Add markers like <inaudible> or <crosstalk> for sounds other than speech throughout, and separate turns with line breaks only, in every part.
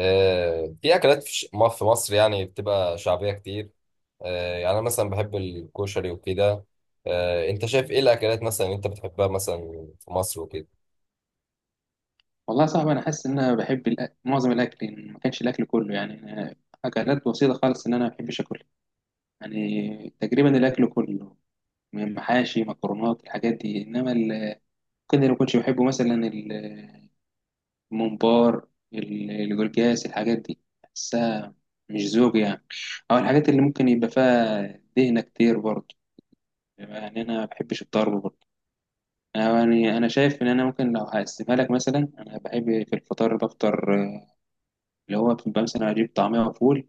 آه، في اكلات في مصر يعني بتبقى شعبيه كتير. آه، يعني انا مثلا بحب الكشري وكده. آه، انت شايف ايه الاكلات مثلا انت بتحبها مثلا في مصر وكده؟
والله صعب انا حاسس ان انا بحب معظم الاكل إن ما كانش الاكل كله يعني أنا. اكلات بسيطه خالص، ان انا ما بحبش اكل يعني تقريبا الاكل كله، من محاشي، مكرونات، الحاجات دي. انما كده اللي ما كنتش بحبه مثلا الممبار، الجلجاس، الحاجات دي بحسها مش ذوق يعني. او الحاجات اللي ممكن يبقى فيها دهنه كتير برضه، يعني انا ما بحبش الضرب برضه. يعني انا شايف ان انا ممكن لو هقسمها لك مثلا، انا بحب في الفطار بفطر، اللي هو بتبقى مثلا أجيب طعمية وفول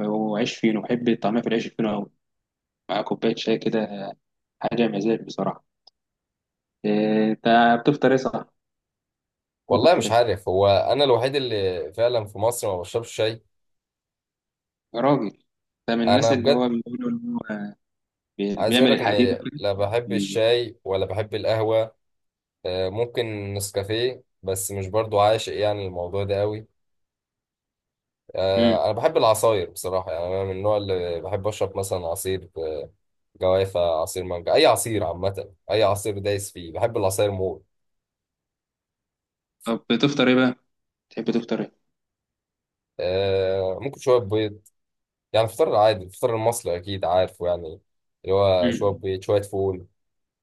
وعيش فينو. بحب الطعمية في العيش الفينو أوي مع كوباية شاي كده، حاجة مزاج بصراحة. إيه، أنت بتفطر إيه صح؟
والله
بتفطر
مش
إيه؟
عارف، هو انا الوحيد اللي فعلا في مصر ما بشربش شاي.
يا راجل، ده من الناس
انا
اللي
بجد
هو بيقولوا إن هو بي-
عايز
بيعمل
اقولك
الحديد
ان
وكده.
لا بحب
بي-
الشاي ولا بحب القهوه. آه، ممكن نسكافيه بس مش برضو عاشق يعني الموضوع ده قوي.
مم.
آه، انا بحب العصاير بصراحه، يعني انا من النوع اللي بحب اشرب مثلا عصير جوافة، عصير مانجا، أي عصير عامة، أي عصير دايس فيه، بحب العصاير موت.
طب بتفطر إيه بقى؟ تحب تفطر إيه؟
آه ممكن شوية بيض، يعني الفطار العادي الفطار المصري أكيد عارفه يعني، اللي هو شوية
مم.
بيض شوية فول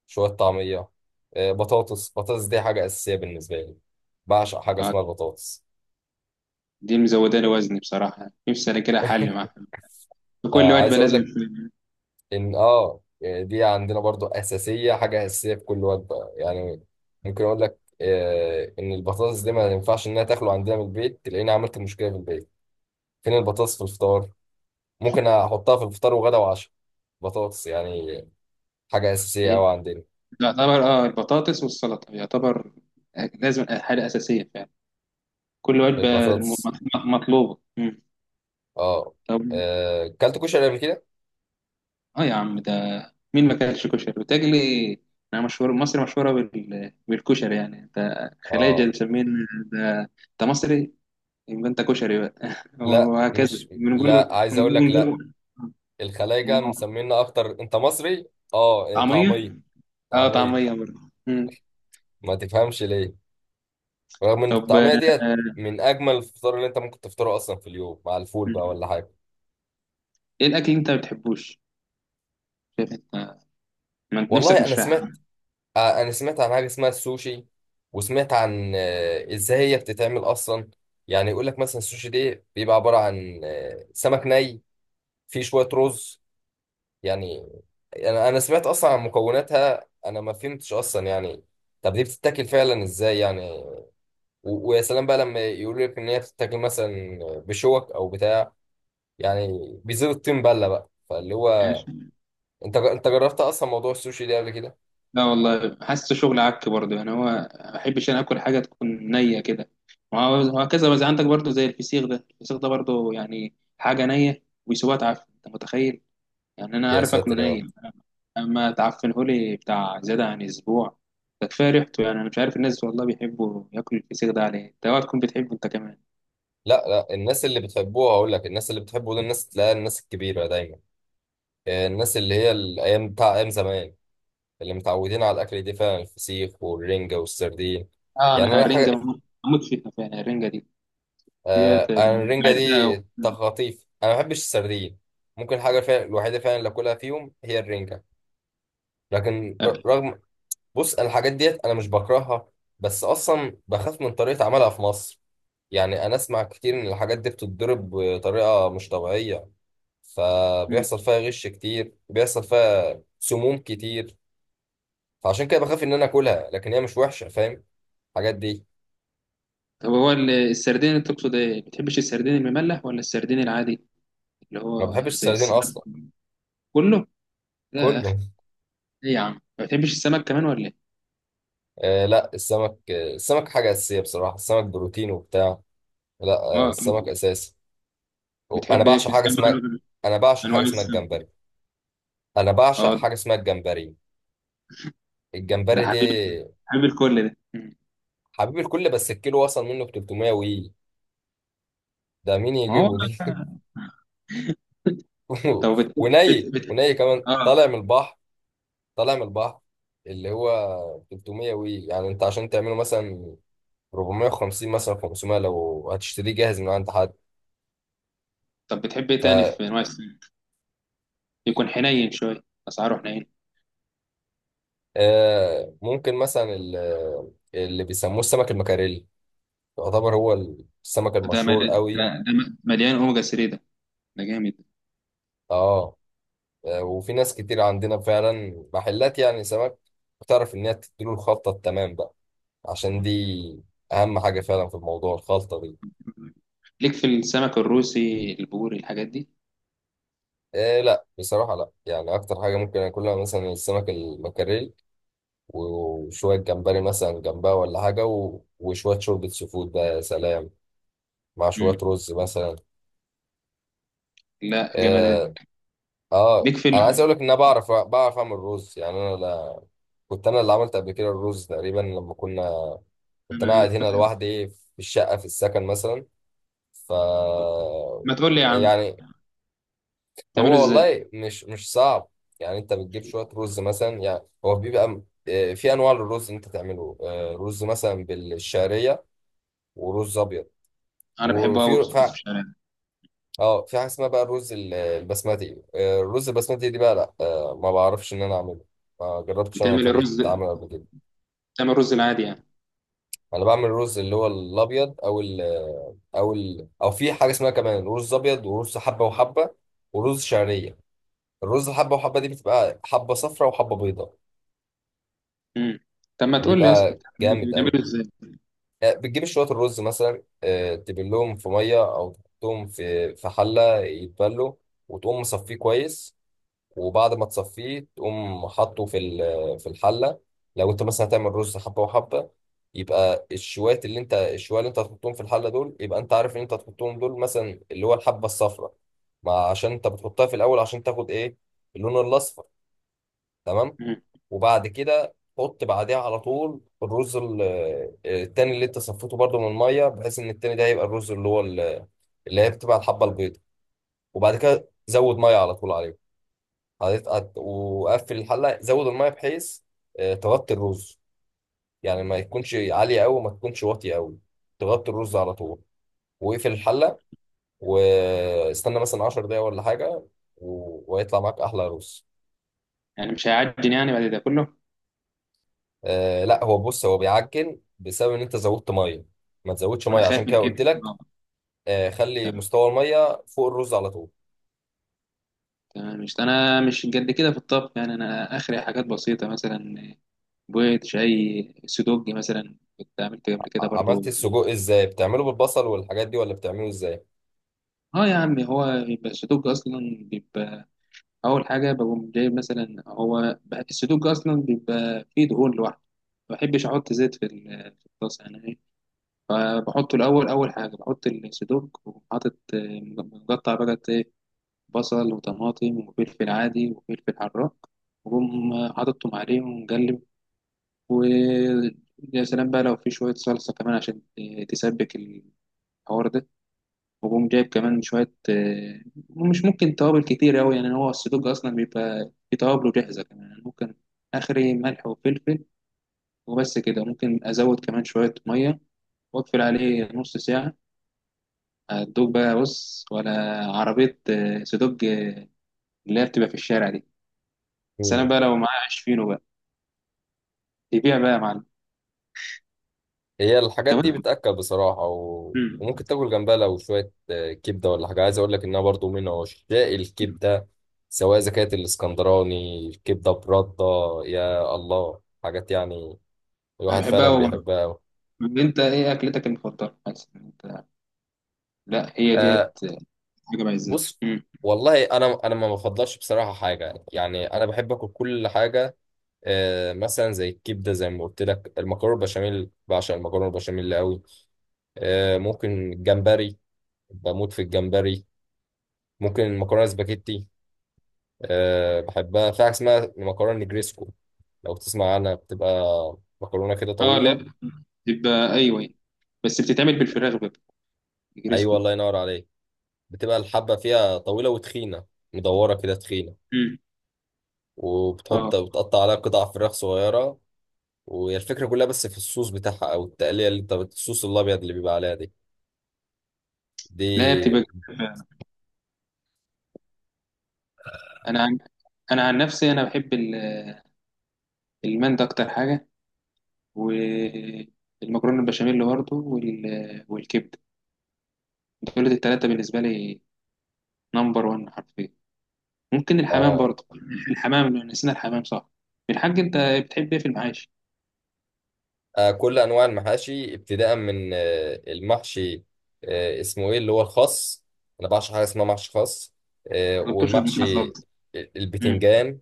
شوية طعمية. آه بطاطس، دي حاجة أساسية بالنسبة لي. بعشق حاجة
آه،
اسمها البطاطس.
دي مزودة لي وزني بصراحة. نفسي أنا كده حل
<laughs>
معاها، في كل
آه عايز
وجبة
أقول
لازم.
لك إن دي عندنا برضو أساسية، حاجة أساسية في كل وجبة يعني. ممكن أقول لك إن البطاطس دي ما ينفعش إنها تاكله عندنا من البيت، تلاقيني عملت مشكلة في البيت، فين البطاطس في الفطار؟ ممكن احطها في الفطار وغدا وعشاء، بطاطس يعني. حاجه اساسيه
إيه؟
قوي عندنا
يعتبر البطاطس والسلطة، يعتبر لازم حاجة أساسية فعلا كل وجبة.
البطاطس.
مطلوبة. مم.
اه
طب،
آه، كلت كشري قبل كده.
اه يا عم، ده مين ما كانش كشري بتجلي؟ انا مشهور، مصر مشهورة بالكشري يعني، انت خلايجة
اه
مسمين ده. انت مصري يبقى انت كشري بقى <laughs>
لا،
وهكذا
مش
بنقول
لا عايز اقول لك، لا
بنقول
الخلايجه
م-
مسمينا اكتر، انت مصري. اه آه،
طعمية.
طعميه،
اه
طعميه.
طعمية برضه. مم.
ما تفهمش ليه، رغم ان
طب
الطعميه ديت
آه،
من اجمل الفطار اللي انت ممكن تفطره اصلا في اليوم مع الفول بقى
مم.
ولا حاجه.
ايه الاكل اللي انت ما بتحبوش؟ شايف انت، ما أنت نفسك
والله انا
مش رايحة.
سمعت، آه، انا سمعت عن حاجه اسمها السوشي، وسمعت عن ازاي هي بتتعمل اصلا. يعني يقول لك مثلا السوشي دي بيبقى عباره عن سمك ني، فيه شويه رز يعني. انا سمعت اصلا عن مكوناتها، انا ما فهمتش اصلا يعني. طب دي بتتاكل فعلا ازاي يعني؟ ويا سلام بقى لما يقول لك ان هي بتتاكل مثلا بشوك او بتاع، يعني بيزيد الطين بله بقى. فاللي هو
ماشي.
انت جربت اصلا موضوع السوشي ده قبل كده؟
لا والله، حاسه شغل عك برضه يعني، هو ما بحبش انا اكل حاجه تكون نيه كده. وهكذا. بس عندك برضه زي الفسيخ ده، الفسيخ ده برضه يعني حاجه نيه ويسيبوها تعفن، انت متخيل؟ يعني انا
يا
عارف اكله
ساتر يا رب.
ني، اما تعفنه لي بتاع زياده عن اسبوع، ده كفايه ريحته. يعني انا مش عارف الناس والله بيحبوا ياكلوا الفسيخ ده عليه. انت اوعى تكون بتحبه انت كمان.
لا، الناس اللي بتحبوها هقول لك، الناس اللي بتحبه دول الناس تلاقيها الناس الكبيرة دايما. آه، الناس اللي هي الأيام بتاع أيام زمان، اللي متعودين على الأكل دي فعلا الفسيخ والرنجة والسردين.
اه،
يعني
انا
أنا
الرنجه
حاجة،
بموت بموت فيها فعلا، الرنجه دي ديت
آه، أنا الرنجة دي
بعزها
تخطيف، أنا ما بحبش السردين. ممكن حاجة فعلا الوحيدة فعلا اللي أكلها فيهم هي الرنجة. لكن رغم، بص أنا الحاجات ديت أنا مش بكرهها، بس أصلا بخاف من طريقة عملها في مصر. يعني أنا أسمع كتير إن الحاجات دي بتتضرب بطريقة مش طبيعية،
أوي.
فبيحصل فيها غش كتير، بيحصل فيها سموم كتير. فعشان كده بخاف ان انا اكلها، لكن هي مش وحشه فاهم، الحاجات دي.
طب هو السردين اللي تقصد ايه؟ ما بتحبش السردين المملح ولا السردين العادي اللي
ما
هو
بحبش
زي
السردين
السمك؟
اصلا.
كله؟ لا يا
كله.
اخي.
<laughs>
ايه يا عم؟ ما بتحبش السمك كمان ولا ايه؟
آه لا السمك، آه السمك حاجه اساسيه بصراحه، السمك بروتين وبتاع. لا، آه
اه.
السمك اساسي. انا
بتحب ايه في
بعشق حاجه
السمك؟
اسمها انا بعشق
انواع
حاجه اسمها
السمك.
الجمبري انا بعشق
اه.
حاجه اسمها الجمبري.
ده
الجمبري دي
حبيب، حبيب الكل ده. مم.
حبيب الكل، بس الكيلو وصل منه ب 300 وي. ده مين
ما هو.
يجيبه دي؟
طب
<laughs>
بت...
وني
بت...
وني كمان
اه.
طالع من البحر، طالع من البحر. اللي هو 300 وي، يعني انت عشان تعمله مثلا 450، مثلا 500 لو هتشتريه جاهز من عند حد.
طب، بتحب ايه
ف
تاني في انواع السمك؟ يكون حنين شويه، اسعاره حنين.
آه، ممكن مثلا اللي بيسموه السمك المكاريلي، يعتبر هو السمك
ده
المشهور
مل...
قوي.
ده, ده م- مليان اوميجا 3 ده، ده جامد.
اه آه، وفي ناس كتير عندنا فعلا محلات يعني سمك بتعرف ان هي تديله الخلطه التمام بقى، عشان دي اهم حاجه فعلا في الموضوع، الخلطه دي.
ليك في السمك الروسي، البوري، الحاجات دي؟
إيه، لا بصراحه، لا يعني اكتر حاجه ممكن اكلها مثلا السمك المكاريلي، وشوية جمبري مثلا جنبها ولا حاجة، وشوية شوربة سي فود بقى، يا سلام، مع شوية رز مثلا.
لا جمدان.
اه، آه،
بيك
انا عايز اقول
فيلم.
لك ان انا بعرف، بعرف اعمل رز يعني. انا لا... كنت انا اللي عملت قبل كده الرز تقريبا لما كنا، كنت انا
انا
قاعد
ف-
هنا لوحدي في الشقة في السكن مثلا. ف
ما تقول لي يا عم،
يعني
بتعمله
هو
ازاي؟
والله مش صعب، يعني انت بتجيب شوية رز مثلا، يعني هو بيبقى آه، في انواع للرز اللي انت تعمله، آه، رز مثلا بالشعرية ورز ابيض.
انا بحبه قوي
وفي
بصوص
ف...
بالشعريه.
اه في حاجه اسمها بقى الرز البسمتي. آه، الرز البسمتي دي بقى لا، آه، ما بعرفش ان انا اعمله، ما جربتش انا
بتعمل
طريقه
الرز
عمله قبل كده.
بتعمل الرز العادي يعني.
انا بعمل الرز اللي هو الابيض او في حاجه اسمها كمان رز ابيض، ورز حبه وحبه، ورز شعريه. الرز حبه وحبه دي بتبقى حبه صفراء وحبه بيضاء،
امم. طب ما تقول لي يا اسطى،
بيبقى
بتعمل-
جامد قوي.
بتعمله ازاي؟
آه، بتجيب شويه الرز مثلا، آه، تبلهم في ميه، او تحطهم في حله يتبلوا، وتقوم مصفيه كويس. وبعد ما تصفيه تقوم حاطه في في الحله. لو انت مثلا هتعمل رز حبه وحبه، يبقى الشوات اللي انت الشوية اللي انت هتحطهم في الحله دول، يبقى انت عارف ان انت هتحطهم دول مثلا اللي هو الحبه الصفراء، ما عشان انت بتحطها في الاول عشان تاخد ايه؟ اللون الاصفر، تمام.
امم.
وبعد كده حط بعديها على طول الرز التاني اللي انت صفيته برده من الميه، بحيث ان التاني ده يبقى الرز اللي هو اللي هي بتبقى الحبه البيضاء. وبعد كده زود ميه على طول عليه. وقفل الحله، زود الميه بحيث آه، تغطي الرز، يعني ما يكونش عاليه قوي، ما تكونش واطيه قوي، تغطي الرز على طول. واقفل الحله، واستنى مثلا 10 دقايق ولا حاجه، وهيطلع معاك احلى رز.
يعني مش هيعجن يعني بعد ده كله؟
آه لا، هو بص، هو بيعجن بسبب ان انت زودت ميه، ما تزودش
انا
ميه
خايف
عشان
من
كده قلت
كده
لك. آه، خلي
تمام.
مستوى الميه فوق الرز على طول.
تمام. مش قد كده في الطبخ يعني، انا اخري حاجات بسيطه مثلا، بيض، شاي، سودوج مثلا كنت عملت قبل كده برضو.
عملت السجق ازاي؟ بتعمله بالبصل والحاجات دي ولا بتعمله ازاي؟
اه يا عم، هو بيبقى السودوج اصلا بيبقى. اول حاجه بقوم جايب مثلا، هو بقى السدوج اصلا بيبقى فيه دهون لوحده، ما بحبش احط زيت في في الطاسه يعني ايه. فبحطه الاول، اول حاجه بحط السدوج وحاطط مقطع بقى بصل وطماطم وفلفل عادي وفلفل حراق، وأقوم حاططهم عليهم ومقلب. و يا سلام بقى لو في شويه صلصه كمان، عشان تسبك الحوار ده، وقوم جايب كمان شوية مش ممكن توابل كتير أوي يعني. هو السدوج أصلا بيبقى في توابله جاهزة كمان يعني. ممكن آخري ملح وفلفل، وبس كده. ممكن أزود كمان شوية مية وأقفل عليه نص ساعة، هتدوب بقى، بص، ولا عربية سدوج اللي هي بتبقى في الشارع دي. بس أنا
مم.
بقى لو معايا عيش فينو بقى، يبيع بقى يا معلم.
هي الحاجات
طب
دي بتأكل بصراحة،
مم.
وممكن تاكل جنبها لو شوية آه، كبدة ولا حاجة. عايز أقول لك إنها برضو من عشاق الكبدة، سواء إذا كانت الإسكندراني الكبدة برده. يا الله، حاجات يعني
أنا
الواحد
بحبها
فعلا
أوي برضه.
بيحبها أوي.
طب أنت إيه أكلتك المفضلة؟ مثلا أنت. لا، هي
آه،
ديت حاجة بعزها.
بص، والله أنا ما بفضلش بصراحة حاجة، يعني أنا بحب آكل كل حاجة. آه، مثلا زي الكبدة زي ما قلت لك، المكرونة البشاميل، بعشق المكرونة البشاميل أوي. آه، ممكن الجمبري، بموت في الجمبري. ممكن المكرونه سباكيتي. أه بحبها في حاجة اسمها مكرونة نجريسكو، لو تسمع عنها، بتبقى مكرونة كده
اه
طويلة.
لا، بتبقى ايوه، بس بتتعمل بالفراخ بقى الجريسكو
أيوة،
دي.
الله ينور عليك، بتبقى الحبة فيها طويلة وتخينة، مدورة كده تخينة.
مم.
وبتحط،
اه
بتقطع عليها قطع فراخ صغيرة. وهي الفكرة كلها بس في الصوص بتاعها، أو التقلية اللي أنت الصوص الأبيض اللي بيبقى عليها دي،
لا، هي
دي.
بتبقى جميلة فعلا. انا عن... انا عن نفسي انا بحب المندي اكتر حاجه، والمكرونه البشاميل برضه والكبده. دول الثلاثه بالنسبه لي نمبر 1 حرفيا. ممكن الحمام
آه،
برضه، الحمام نسينا الحمام صح. الحاج، انت بتحب ايه في المعاش؟
آه كل أنواع المحاشي، ابتداء من آه المحشي، آه اسمه إيه اللي هو الخاص؟ أنا بعشق حاجة اسمها محشي خاص. آه
ما جبتوش قبل كده خالص.
والمحشي
مم.
البتنجان.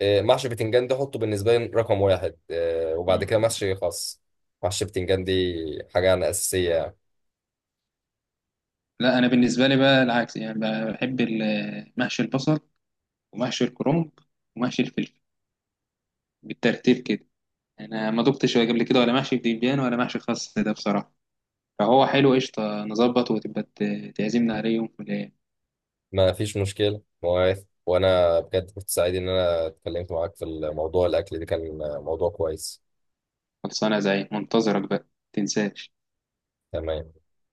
آه، محشي بتنجان ده حطه بالنسبة لي رقم واحد. آه، وبعد كده
مم.
محشي خاص. محشي بتنجان دي حاجة أنا أساسية يعني.
لا، انا بالنسبه لي بقى العكس يعني، بحب محشي البصل، ومحشي الكرنب، ومحشي الفلفل، بالترتيب كده. انا ما دقتش قبل كده ولا محشي بتنجان ولا محشي خاص ده بصراحه. فهو حلو، قشطه، نظبط وتبقى تعزمنا عليه يوم في الايام.
ما فيش مشكلة مواعيد، وأنا بجد كنت سعيد إن أنا اتكلمت معاك في الموضوع الأكل ده، كان موضوع كويس.
خلصانه، زي منتظرك بقى، تنساش.
تمام.